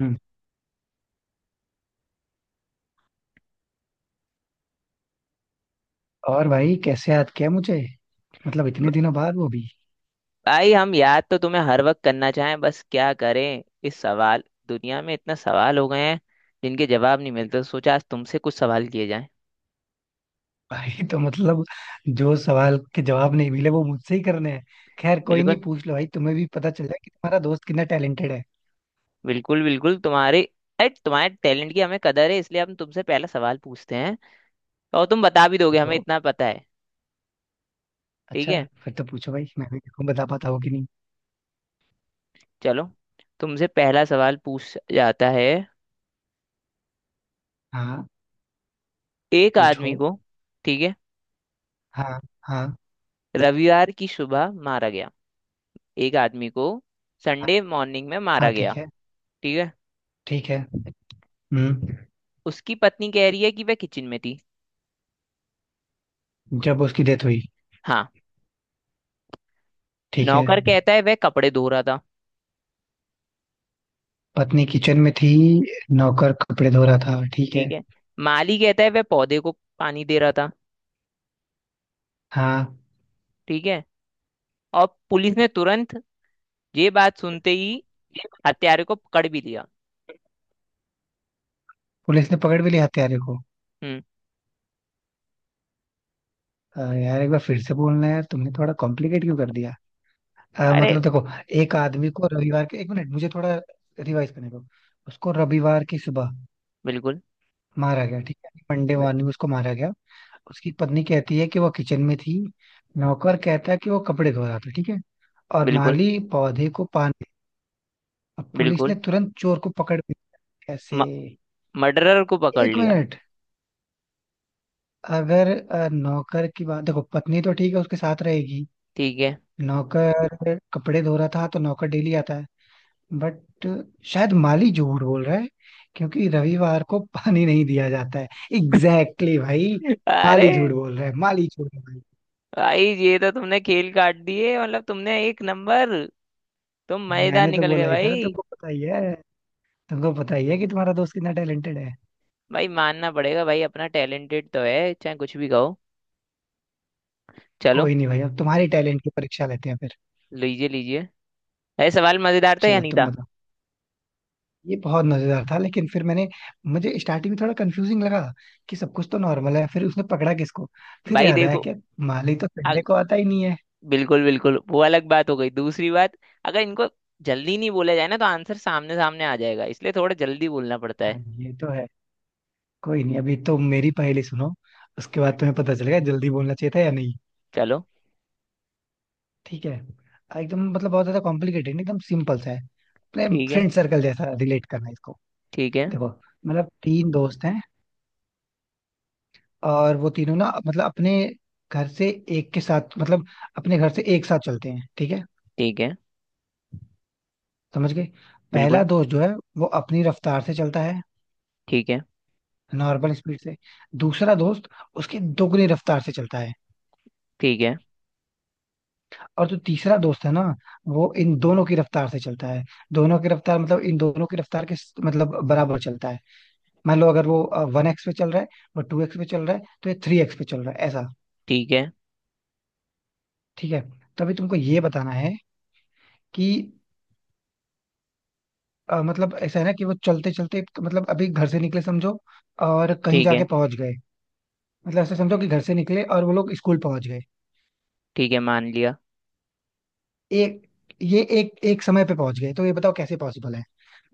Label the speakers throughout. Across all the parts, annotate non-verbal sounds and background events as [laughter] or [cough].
Speaker 1: हम्म। और भाई कैसे याद किया मुझे? मतलब इतने दिनों बाद, वो भी।
Speaker 2: भाई हम याद तो तुम्हें हर वक्त करना चाहें बस क्या करें। इस सवाल दुनिया में इतना सवाल हो गए हैं जिनके जवाब नहीं मिलते। सोचा आज तुमसे कुछ सवाल किए जाएं।
Speaker 1: [laughs] भाई तो मतलब जो सवाल के जवाब नहीं मिले वो मुझसे ही करने हैं। खैर कोई नहीं,
Speaker 2: बिल्कुल
Speaker 1: पूछ लो भाई, तुम्हें भी पता चल जाए कि तुम्हारा दोस्त कितना टैलेंटेड है।
Speaker 2: बिल्कुल बिल्कुल तुम्हारे, अरे तुम्हारे टैलेंट की हमें कदर है इसलिए हम तुमसे पहला सवाल पूछते हैं। और तुम बता भी दोगे, हमें
Speaker 1: जो,
Speaker 2: इतना पता है। ठीक
Speaker 1: अच्छा,
Speaker 2: है,
Speaker 1: फिर तो पूछो भाई, मैं भी देखूं बता पाता हूँ कि नहीं।
Speaker 2: चलो। तुमसे पहला सवाल पूछ जाता है।
Speaker 1: हाँ
Speaker 2: एक
Speaker 1: पूछो।
Speaker 2: आदमी को, ठीक है,
Speaker 1: हाँ हाँ
Speaker 2: रविवार की सुबह मारा गया। एक आदमी को संडे मॉर्निंग में मारा
Speaker 1: हाँ। ठीक
Speaker 2: गया।
Speaker 1: है।
Speaker 2: ठीक है।
Speaker 1: ठीक है। हम्म।
Speaker 2: उसकी पत्नी कह रही है कि वह किचन में थी।
Speaker 1: जब उसकी डेथ हुई।
Speaker 2: हाँ।
Speaker 1: ठीक है।
Speaker 2: नौकर कहता है वह कपड़े धो रहा था।
Speaker 1: पत्नी किचन में थी, नौकर कपड़े धो रहा था, ठीक
Speaker 2: ठीक
Speaker 1: है।
Speaker 2: है। माली कहता है वह पौधे को पानी दे रहा था।
Speaker 1: हाँ।
Speaker 2: ठीक है। और पुलिस ने तुरंत, ये बात सुनते ही, हत्यारे को पकड़ भी लिया।
Speaker 1: पुलिस ने पकड़ भी लिया हत्यारे को।
Speaker 2: हम्म,
Speaker 1: यार एक बार फिर से बोलना है यार, तुमने थोड़ा कॉम्प्लिकेट क्यों कर दिया?
Speaker 2: अरे
Speaker 1: मतलब देखो, एक आदमी को रविवार के, एक मिनट मुझे थोड़ा रिवाइज करने दो। उसको रविवार की सुबह
Speaker 2: बिल्कुल।
Speaker 1: मारा गया, ठीक है। मंडे
Speaker 2: बि-
Speaker 1: मॉर्निंग उसको मारा गया। उसकी पत्नी कहती है कि वो किचन में थी, नौकर कहता है कि वो कपड़े धो रहा था, ठीक है। और
Speaker 2: बिल्कुल
Speaker 1: माली पौधे को पानी। अब पुलिस ने
Speaker 2: बिल्कुल।
Speaker 1: तुरंत चोर को पकड़ भी लिया। कैसे?
Speaker 2: म, मर्डरर को पकड़
Speaker 1: एक
Speaker 2: लिया।
Speaker 1: मिनट। अगर नौकर की बात देखो, पत्नी तो ठीक है उसके साथ रहेगी,
Speaker 2: ठीक है।
Speaker 1: नौकर कपड़े धो रहा था तो नौकर डेली आता है। बट शायद माली झूठ बोल रहा है क्योंकि रविवार को पानी नहीं दिया जाता है। एग्जैक्टली exactly भाई।
Speaker 2: [laughs] अरे
Speaker 1: माली झूठ बोल रहा है, माली झूठ बोल रहा
Speaker 2: भाई, ये तो तुमने खेल काट दिए। मतलब तुमने एक नंबर, तुम
Speaker 1: है।
Speaker 2: मजेदार
Speaker 1: मैंने तो
Speaker 2: निकल
Speaker 1: बोला
Speaker 2: गए
Speaker 1: ही था,
Speaker 2: भाई।
Speaker 1: तुमको पता ही है, तुमको पता ही है कि तुम्हारा दोस्त कितना टैलेंटेड है।
Speaker 2: भाई मानना पड़ेगा भाई, अपना टैलेंटेड तो है चाहे कुछ भी कहो। चलो,
Speaker 1: कोई नहीं भाई, अब तुम्हारे टैलेंट की परीक्षा लेते हैं फिर।
Speaker 2: लीजिए लीजिए। अरे सवाल मजेदार था या
Speaker 1: चलो
Speaker 2: नहीं
Speaker 1: तुम
Speaker 2: था?
Speaker 1: बताओ। ये बहुत मजेदार था, लेकिन फिर मैंने, मुझे स्टार्टिंग में थोड़ा कंफ्यूजिंग लगा कि सब कुछ तो नॉर्मल है, फिर उसने पकड़ा किसको। फिर
Speaker 2: भाई
Speaker 1: याद आया
Speaker 2: देखो।
Speaker 1: कि माली तो संडे
Speaker 2: अग,
Speaker 1: को आता ही नहीं है।
Speaker 2: बिल्कुल बिल्कुल। वो अलग बात हो गई, दूसरी बात। अगर इनको जल्दी नहीं बोला जाए ना तो आंसर सामने सामने आ जाएगा, इसलिए थोड़ा जल्दी बोलना पड़ता
Speaker 1: हाँ
Speaker 2: है।
Speaker 1: ये तो है। कोई नहीं, अभी तो मेरी पहेली सुनो, उसके बाद तुम्हें पता चलेगा जल्दी बोलना चाहिए था या नहीं।
Speaker 2: चलो।
Speaker 1: ठीक है, एकदम मतलब बहुत ज्यादा कॉम्प्लिकेटेड नहीं, एकदम सिंपल सा है, अपने
Speaker 2: ठीक है।
Speaker 1: फ्रेंड सर्कल जैसा रिलेट करना है इसको।
Speaker 2: ठीक है।
Speaker 1: देखो मतलब तीन दोस्त हैं, और वो तीनों ना मतलब अपने घर से एक के साथ, मतलब अपने घर से एक साथ चलते हैं, ठीक है।
Speaker 2: ठीक है।
Speaker 1: समझ गए? पहला
Speaker 2: बिल्कुल
Speaker 1: दोस्त जो है वो अपनी रफ्तार से चलता है,
Speaker 2: ठीक है।
Speaker 1: नॉर्मल स्पीड से। दूसरा दोस्त उसकी दोगुनी रफ्तार से चलता है।
Speaker 2: ठीक है।
Speaker 1: और जो तीसरा दोस्त है ना, वो इन दोनों की रफ्तार से चलता है, दोनों की रफ्तार मतलब इन दोनों की रफ्तार के मतलब बराबर चलता है। मान लो अगर वो वन एक्स पे चल रहा है, वो टू एक्स पे चल रहा है तो ये थ्री एक्स पे चल रहा है ऐसा,
Speaker 2: ठीक है।
Speaker 1: ठीक है। तो अभी तुमको ये बताना है कि मतलब ऐसा है ना कि वो चलते चलते, तो मतलब अभी घर से निकले समझो और कहीं
Speaker 2: ठीक है।
Speaker 1: जाके पहुंच गए। मतलब ऐसा समझो कि घर से निकले और वो लोग स्कूल पहुंच गए
Speaker 2: ठीक है, मान लिया।
Speaker 1: एक, ये एक एक समय पे पहुंच गए, तो ये बताओ कैसे पॉसिबल है।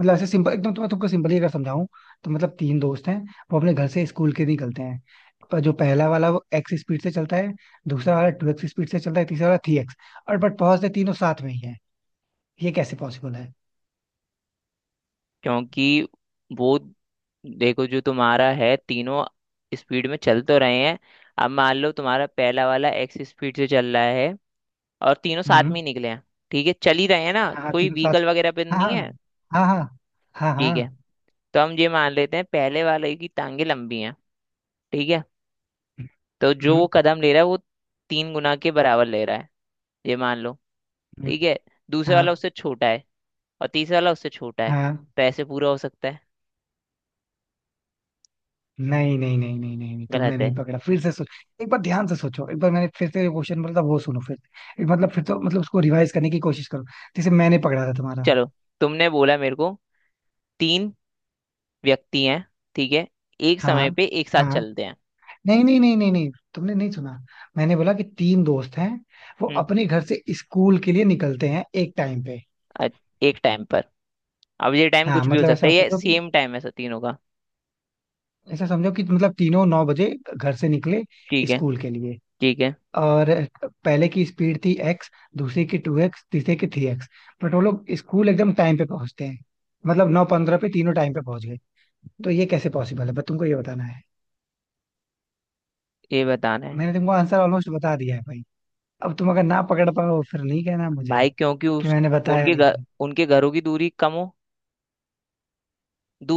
Speaker 1: मतलब ऐसे सिंपल एकदम, तुम्हें तुमको सिंपली अगर समझाऊं तो मतलब तीन दोस्त हैं, वो अपने घर से स्कूल के निकलते हैं, पर जो पहला वाला वो एक्स स्पीड से चलता है, दूसरा वाला टू एक्स स्पीड से चलता है, तीसरा वाला थ्री एक्स। और बट पहुंचते तीनों साथ में ही है। ये कैसे पॉसिबल है?
Speaker 2: क्योंकि वो, देखो जो तुम्हारा है, तीनों स्पीड में चल तो रहे हैं। अब मान लो तुम्हारा पहला वाला एक्स स्पीड से चल रहा है और तीनों साथ
Speaker 1: हम्म।
Speaker 2: में ही निकले हैं। ठीक है, चल ही रहे हैं ना,
Speaker 1: हाँ हाँ
Speaker 2: कोई
Speaker 1: तीनों साथ।
Speaker 2: व्हीकल वगैरह पे तो
Speaker 1: हाँ
Speaker 2: नहीं है।
Speaker 1: हाँ हाँ हाँ हाँ
Speaker 2: ठीक है।
Speaker 1: हाँ।
Speaker 2: तो हम ये मान लेते हैं पहले वाले की टांगे लंबी हैं। ठीक है। तो जो वो
Speaker 1: हम्म।
Speaker 2: कदम ले रहा है वो तीन गुना के बराबर ले रहा है, ये मान लो।
Speaker 1: हम्म।
Speaker 2: ठीक है। दूसरे
Speaker 1: हाँ
Speaker 2: वाला उससे छोटा है। और तीसरा वाला उससे छोटा है।
Speaker 1: हाँ।
Speaker 2: तो ऐसे पूरा हो सकता है।
Speaker 1: नहीं नहीं नहीं नहीं नहीं नहीं, तुमने
Speaker 2: गलत
Speaker 1: नहीं
Speaker 2: है।
Speaker 1: पकड़ा, फिर से सोच। एक बार ध्यान से सोचो, एक बार मैंने फिर से क्वेश्चन बोला था, वो सुनो फिर से। एक मतलब फिर तो मतलब उसको रिवाइज करने की कोशिश करो जैसे मैंने पकड़ा था तुम्हारा।
Speaker 2: चलो, तुमने बोला मेरे को, तीन व्यक्ति हैं। ठीक है। एक समय
Speaker 1: हाँ
Speaker 2: पे एक साथ
Speaker 1: हाँ।
Speaker 2: चलते हैं।
Speaker 1: नहीं नहीं नहीं नहीं नहीं, तुमने नहीं सुना। मैंने बोला कि तीन दोस्त हैं, वो
Speaker 2: हम्म।
Speaker 1: अपने घर से स्कूल के लिए निकलते हैं एक टाइम पे।
Speaker 2: अ- एक टाइम पर। अब ये टाइम
Speaker 1: हाँ
Speaker 2: कुछ भी हो
Speaker 1: मतलब
Speaker 2: सकता
Speaker 1: ऐसा
Speaker 2: है, ये
Speaker 1: समझो कि,
Speaker 2: सेम टाइम है सब तीनों का।
Speaker 1: ऐसा समझो कि मतलब तीनों नौ बजे घर से निकले
Speaker 2: ठीक है।
Speaker 1: स्कूल के लिए।
Speaker 2: ठीक है।
Speaker 1: और पहले की स्पीड थी एक्स, दूसरे की टू एक्स, तीसरे की थ्री एक्स। बट वो लोग स्कूल एकदम टाइम पे पहुंचते हैं, मतलब नौ पंद्रह पे तीनों टाइम पे पहुंच गए। तो ये कैसे पॉसिबल है, बस तुमको ये बताना है।
Speaker 2: ये बताना है।
Speaker 1: मैंने तुमको आंसर ऑलमोस्ट बता दिया है भाई, अब तुम अगर ना पकड़ पाओ फिर नहीं कहना मुझे
Speaker 2: भाई क्योंकि
Speaker 1: कि
Speaker 2: उस,
Speaker 1: मैंने बताया
Speaker 2: उनके
Speaker 1: नहीं
Speaker 2: घर,
Speaker 1: तुम।
Speaker 2: उनके घरों की दूरी कम हो।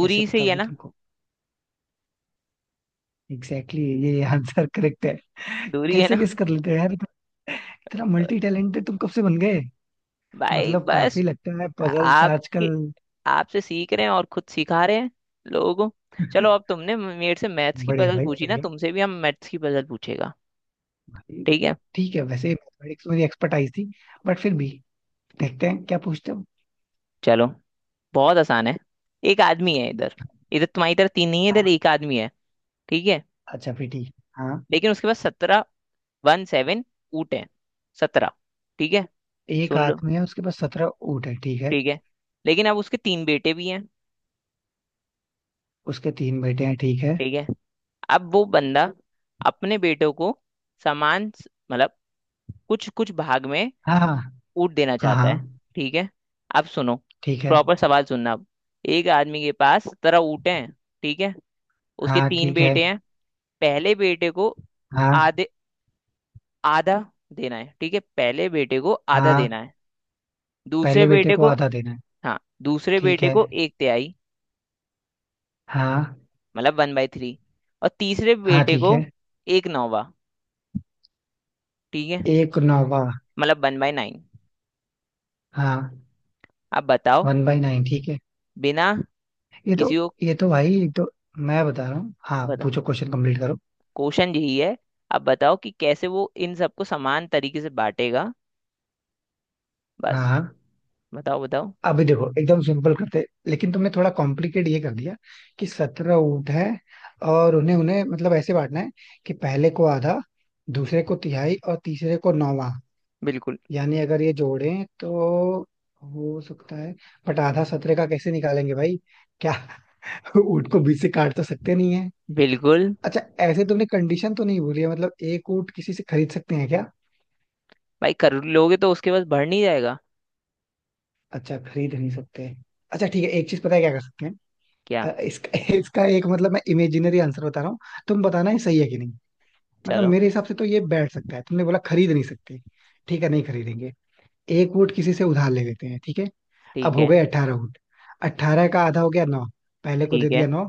Speaker 1: कैसे
Speaker 2: से ही
Speaker 1: पता
Speaker 2: है
Speaker 1: भाई
Speaker 2: ना।
Speaker 1: तुमको? एग्जैक्टली exactly, ये आंसर करेक्ट है। [laughs]
Speaker 2: दूरी है
Speaker 1: कैसे
Speaker 2: ना।
Speaker 1: गेस कर लेते हो यार तुम? इतना मल्टी
Speaker 2: [laughs]
Speaker 1: टैलेंटेड तुम कब से बन गए?
Speaker 2: भाई
Speaker 1: मतलब काफी
Speaker 2: बस
Speaker 1: लगता है पजल्स
Speaker 2: आपके,
Speaker 1: आजकल।
Speaker 2: आपसे सीख रहे हैं और खुद सिखा रहे हैं लोगों को। चलो, अब तुमने मेरे से मैथ्स
Speaker 1: [laughs]
Speaker 2: की
Speaker 1: बढ़िया
Speaker 2: पजल
Speaker 1: भाई
Speaker 2: पूछी ना,
Speaker 1: बढ़िया।
Speaker 2: तुमसे भी हम मैथ्स की पजल पूछेगा।
Speaker 1: भाई,
Speaker 2: ठीक है,
Speaker 1: ठीक है, वैसे मैथमेटिक्स मेरी एक्सपर्टाइज थी बट फिर भी देखते हैं क्या पूछते हो।
Speaker 2: चलो। बहुत आसान है। एक आदमी है इधर। इधर तुम्हारी तरह तीन नहीं है, इधर
Speaker 1: हाँ
Speaker 2: एक आदमी है। ठीक है।
Speaker 1: अच्छा फिर ठीक है। हाँ।
Speaker 2: लेकिन उसके पास 17, 17, ऊँट है। 17। ठीक है,
Speaker 1: एक
Speaker 2: सुन लो।
Speaker 1: आदमी है, उसके पास सत्रह ऊँट है, ठीक है।
Speaker 2: ठीक है। लेकिन अब उसके तीन बेटे भी हैं।
Speaker 1: उसके तीन बेटे हैं, ठीक है।
Speaker 2: ठीक है। अब वो बंदा अपने बेटों को समान मतलब कुछ कुछ भाग में
Speaker 1: हाँ हाँ।
Speaker 2: ऊट देना
Speaker 1: हाँ
Speaker 2: चाहता है।
Speaker 1: हाँ
Speaker 2: ठीक है, अब सुनो।
Speaker 1: ठीक है।
Speaker 2: प्रॉपर सवाल सुनना अब। एक आदमी के पास 17 ऊँट हैं। ठीक है। उसके
Speaker 1: हाँ
Speaker 2: तीन
Speaker 1: ठीक है।
Speaker 2: बेटे हैं। पहले बेटे को
Speaker 1: हाँ
Speaker 2: आधे आधा देना है। ठीक है, पहले बेटे को आधा
Speaker 1: हाँ।
Speaker 2: देना है। दूसरे
Speaker 1: पहले बेटे
Speaker 2: बेटे
Speaker 1: को
Speaker 2: को,
Speaker 1: आधा देना है।
Speaker 2: हाँ दूसरे
Speaker 1: ठीक
Speaker 2: बेटे
Speaker 1: है।
Speaker 2: को एक तिहाई,
Speaker 1: हाँ।
Speaker 2: मतलब 1/3। और तीसरे
Speaker 1: हाँ
Speaker 2: बेटे
Speaker 1: ठीक
Speaker 2: को
Speaker 1: है।
Speaker 2: एक नौवा। ठीक है,
Speaker 1: एक नौवा।
Speaker 2: मतलब 1/9।
Speaker 1: हाँ।
Speaker 2: अब बताओ,
Speaker 1: वन बाई नाइन, ठीक है।
Speaker 2: बिना
Speaker 1: ये तो,
Speaker 2: किसी को,
Speaker 1: ये तो भाई, ये तो मैं बता रहा हूँ। हाँ
Speaker 2: बताओ,
Speaker 1: पूछो, क्वेश्चन कंप्लीट करो।
Speaker 2: क्वेश्चन यही है। अब बताओ कि कैसे वो इन सबको समान तरीके से बांटेगा।
Speaker 1: हाँ
Speaker 2: बस,
Speaker 1: हाँ।
Speaker 2: बताओ बताओ।
Speaker 1: अभी देखो, एकदम सिंपल करते लेकिन तुमने थोड़ा कॉम्प्लिकेट ये कर दिया कि सत्रह ऊँट है और उन्हें उन्हें मतलब ऐसे बांटना है कि पहले को आधा, दूसरे को तिहाई और तीसरे को नौवां।
Speaker 2: बिल्कुल
Speaker 1: यानी अगर ये जोड़ें तो हो सकता है, बट आधा सत्रह का कैसे निकालेंगे भाई? क्या? [laughs] ऊँट को बीच से काट तो सकते नहीं है।
Speaker 2: बिल्कुल।
Speaker 1: अच्छा ऐसे तुमने कंडीशन तो नहीं बोली है, मतलब एक ऊँट किसी से खरीद सकते हैं क्या?
Speaker 2: भाई कर लोगे तो उसके पास बढ़ नहीं जाएगा।
Speaker 1: अच्छा खरीद नहीं सकते। अच्छा ठीक है, एक चीज पता है क्या कर सकते हैं?
Speaker 2: क्या।
Speaker 1: इसका [laughs] इसका, एक मतलब मैं इमेजिनरी आंसर बता रहा हूँ, तुम बताना ये सही है कि नहीं। मतलब
Speaker 2: चलो।
Speaker 1: मेरे हिसाब से तो ये बैठ सकता है, तुमने बोला खरीद नहीं सकते, ठीक है नहीं खरीदेंगे, एक वोट किसी से उधार ले लेते हैं, ठीक है। अब
Speaker 2: ठीक
Speaker 1: हो
Speaker 2: है।
Speaker 1: गए अठारह वोट, अठारह का आधा हो गया नौ, पहले को
Speaker 2: ठीक
Speaker 1: दे
Speaker 2: है।
Speaker 1: दिया नौ।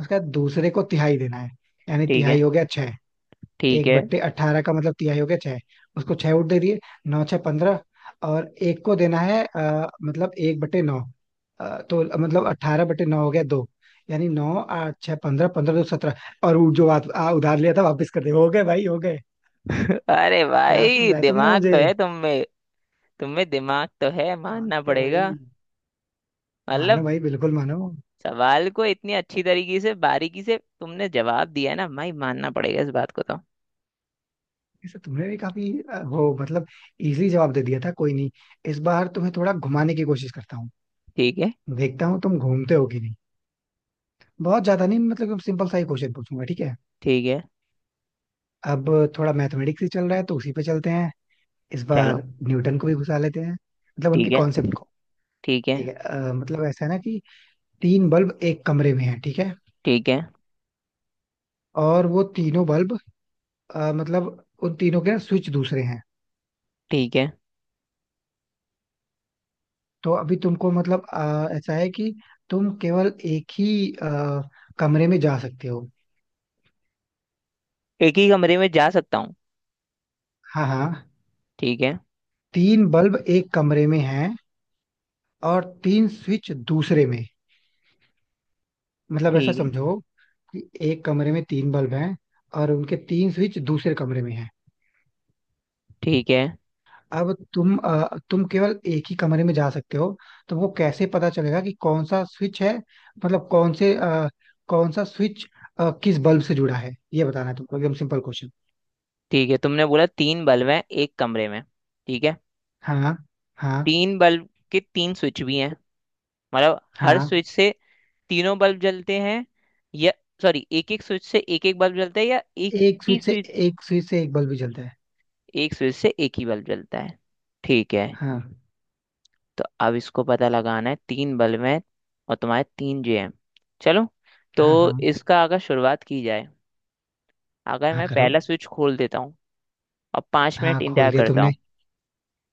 Speaker 1: उसके बाद दूसरे को तिहाई देना है, यानी
Speaker 2: ठीक है।
Speaker 1: तिहाई हो गया छह।
Speaker 2: ठीक
Speaker 1: एक
Speaker 2: है।
Speaker 1: बट्टे अट्ठारह का मतलब तिहाई हो गया छह, उसको छह वोट दे दिए। नौ छह पंद्रह। और एक को देना है मतलब एक बट्टे नौ, तो मतलब अट्ठारह बटे नौ हो गया दो, यानी नौ आठ छह पंद्रह, पंद्रह दो सत्रह। और वो जो आ, आ, उधार लिया था वापस कर दे, हो गए भाई, हो गए।
Speaker 2: [laughs] अरे
Speaker 1: क्या
Speaker 2: भाई
Speaker 1: समझाया तुमने
Speaker 2: दिमाग
Speaker 1: मुझे?
Speaker 2: तो है तुम में। तुम में दिमाग तो है,
Speaker 1: हाँ,
Speaker 2: मानना
Speaker 1: क्या
Speaker 2: पड़ेगा।
Speaker 1: भाई? मानो
Speaker 2: मतलब
Speaker 1: भाई बिल्कुल मानो।
Speaker 2: सवाल को इतनी अच्छी तरीके से बारीकी से तुमने जवाब दिया है ना भाई, मानना पड़ेगा इस बात को तो।
Speaker 1: इसे तुमने भी काफी वो मतलब इजी जवाब दे दिया था, कोई नहीं, इस बार तुम्हें थोड़ा घुमाने की कोशिश करता हूँ,
Speaker 2: ठीक है।
Speaker 1: देखता हूँ तुम घूमते हो कि नहीं। बहुत ज्यादा नहीं, मतलब सिंपल सा ही क्वेश्चन पूछूंगा, ठीक है।
Speaker 2: ठीक है।
Speaker 1: अब थोड़ा मैथमेटिक्स ही चल रहा है तो उसी पे चलते हैं इस बार,
Speaker 2: चलो।
Speaker 1: न्यूटन को भी घुसा लेते हैं, मतलब उनके
Speaker 2: ठीक है।
Speaker 1: कॉन्सेप्ट को।
Speaker 2: ठीक है।
Speaker 1: ठीक है, मतलब ऐसा है ना कि तीन बल्ब एक कमरे में है, ठीक है।
Speaker 2: ठीक है।
Speaker 1: और वो तीनों बल्ब, मतलब उन तीनों के ना स्विच दूसरे हैं।
Speaker 2: ठीक है,
Speaker 1: तो अभी तुमको मतलब, ऐसा है कि तुम केवल एक ही, कमरे में जा सकते हो।
Speaker 2: एक ही कमरे में जा सकता हूँ।
Speaker 1: हाँ हाँ।
Speaker 2: ठीक है।
Speaker 1: तीन बल्ब एक कमरे में हैं और तीन स्विच दूसरे में, मतलब ऐसा
Speaker 2: ठीक है।
Speaker 1: समझो कि एक कमरे में तीन बल्ब हैं और उनके तीन स्विच दूसरे कमरे में हैं।
Speaker 2: ठीक है।
Speaker 1: अब तुम, तुम केवल एक ही कमरे में जा सकते हो, तो वो कैसे पता चलेगा कि कौन सा स्विच है, मतलब कौन से, कौन सा स्विच, किस बल्ब से जुड़ा है, ये बताना है तुमको, एकदम सिंपल क्वेश्चन।
Speaker 2: ठीक है, तुमने बोला तीन बल्ब हैं एक कमरे में। ठीक है।
Speaker 1: हाँ हाँ।
Speaker 2: तीन बल्ब के तीन स्विच भी हैं। मतलब हर
Speaker 1: हाँ।
Speaker 2: स्विच से तीनों बल्ब जलते हैं, या, सॉरी, एक एक स्विच से एक एक बल्ब जलता है, या एक
Speaker 1: एक
Speaker 2: ही
Speaker 1: स्विच से
Speaker 2: स्विच,
Speaker 1: एक स्विच से एक बल्ब भी जलता है।
Speaker 2: एक स्विच से एक ही बल्ब जलता है। ठीक है।
Speaker 1: हाँ।
Speaker 2: तो अब इसको पता लगाना है, तीन बल्ब हैं और तुम्हारे तीन जे हैं। चलो। तो
Speaker 1: हाँ हाँ।
Speaker 2: इसका अगर शुरुआत की जाए, अगर
Speaker 1: हाँ
Speaker 2: मैं
Speaker 1: करो।
Speaker 2: पहला स्विच खोल देता हूँ और पाँच
Speaker 1: हाँ
Speaker 2: मिनट
Speaker 1: खोल
Speaker 2: इंतजार
Speaker 1: दिया
Speaker 2: करता
Speaker 1: तुमने।
Speaker 2: हूँ।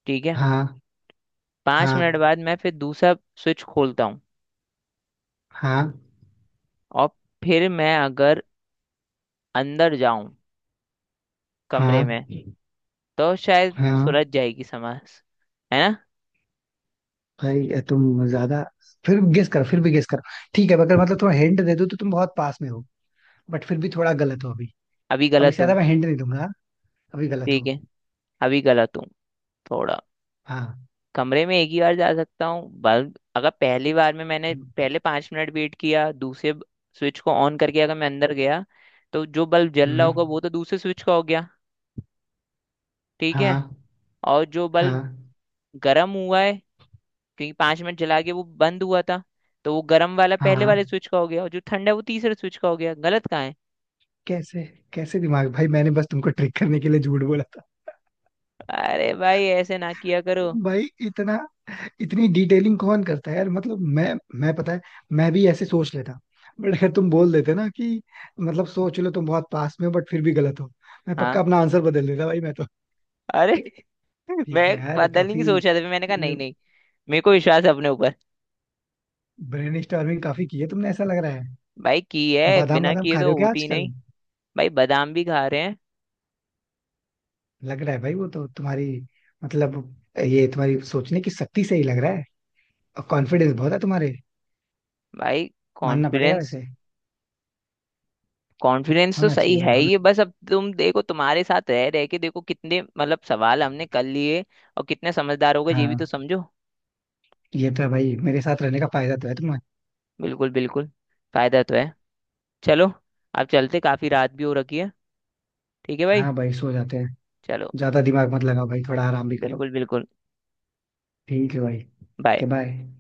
Speaker 2: ठीक है।
Speaker 1: हाँ
Speaker 2: पाँच
Speaker 1: हाँ
Speaker 2: मिनट बाद मैं फिर दूसरा स्विच खोलता हूँ।
Speaker 1: हाँ
Speaker 2: और फिर मैं अगर अंदर जाऊं, कमरे
Speaker 1: हाँ
Speaker 2: में, तो शायद
Speaker 1: हाँ।
Speaker 2: सुलझ जाएगी समझ, है ना?
Speaker 1: भाई ये तुम ज्यादा, फिर गेस करो, फिर भी गेस करो, ठीक है अगर मतलब तुम्हें हिंट दे दूं तो तुम बहुत पास में हो, बट फिर भी थोड़ा गलत हो अभी।
Speaker 2: अभी
Speaker 1: अब इससे
Speaker 2: गलत हूँ।
Speaker 1: ज्यादा मैं हिंट नहीं दूंगा। अभी गलत हो।
Speaker 2: ठीक है, अभी गलत हूँ थोड़ा।
Speaker 1: हाँ।
Speaker 2: कमरे में एक ही बार जा सकता हूँ बल्ब, अगर पहली बार में मैंने पहले 5 मिनट वेट किया, दूसरे स्विच को ऑन करके अगर मैं अंदर गया तो जो बल्ब जल रहा
Speaker 1: हम्म।
Speaker 2: होगा वो तो दूसरे स्विच का हो गया। ठीक है।
Speaker 1: हाँ
Speaker 2: और जो बल्ब
Speaker 1: हाँ
Speaker 2: गर्म हुआ है, क्योंकि 5 मिनट जला के वो बंद हुआ था, तो वो गर्म वाला पहले
Speaker 1: हाँ।
Speaker 2: वाले स्विच का हो गया और जो ठंडा है वो तीसरे स्विच का हो गया। गलत कहाँ है?
Speaker 1: कैसे? कैसे दिमाग भाई! मैंने बस तुमको ट्रिक करने के लिए झूठ बोला था।
Speaker 2: अरे भाई ऐसे ना किया करो।
Speaker 1: भाई इतना, इतनी डिटेलिंग कौन करता है यार, मतलब मैं पता है, मैं भी ऐसे सोच लेता, बट अगर तुम बोल देते ना कि मतलब सोच लो तुम बहुत पास में हो बट फिर भी गलत हो, मैं पक्का
Speaker 2: हाँ।
Speaker 1: अपना आंसर बदल देता भाई मैं तो।
Speaker 2: अरे [laughs] मैं
Speaker 1: ठीक है यार,
Speaker 2: बदलने
Speaker 1: काफी
Speaker 2: की सोच रहा था, फिर मैंने कहा नहीं नहीं, मेरे को विश्वास है अपने ऊपर।
Speaker 1: ब्रेनस्टॉर्मिंग काफी की है तुमने ऐसा लग रहा है।
Speaker 2: भाई की है,
Speaker 1: बादाम
Speaker 2: बिना
Speaker 1: वादाम
Speaker 2: किए
Speaker 1: खा रहे
Speaker 2: तो
Speaker 1: हो क्या
Speaker 2: होती ही
Speaker 1: आजकल?
Speaker 2: नहीं। भाई बादाम भी खा रहे हैं।
Speaker 1: लग रहा है भाई, वो तो तुम्हारी मतलब, ये तुम्हारी सोचने की शक्ति से ही लग रहा है, और कॉन्फिडेंस बहुत है तुम्हारे,
Speaker 2: भाई
Speaker 1: मानना पड़ेगा
Speaker 2: कॉन्फिडेंस,
Speaker 1: वैसे।
Speaker 2: कॉन्फिडेंस तो
Speaker 1: होना चाहिए
Speaker 2: सही
Speaker 1: भाई
Speaker 2: है
Speaker 1: होना।
Speaker 2: ही है, बस अब तुम देखो तुम्हारे साथ रह रह के देखो कितने मतलब सवाल हमने कर लिए और कितने समझदार हो गए ये भी तो
Speaker 1: हाँ
Speaker 2: समझो।
Speaker 1: ये तो है भाई, मेरे साथ रहने का फायदा तो है तुम्हें।
Speaker 2: बिल्कुल बिल्कुल। फायदा तो है। चलो, आप चलते, काफी रात भी हो रखी है। ठीक है भाई।
Speaker 1: हाँ भाई सो जाते हैं।
Speaker 2: चलो।
Speaker 1: ज्यादा दिमाग मत लगाओ भाई, थोड़ा आराम भी करो।
Speaker 2: बिल्कुल बिल्कुल।
Speaker 1: ठीक है भाई। के
Speaker 2: बाय।
Speaker 1: बाय।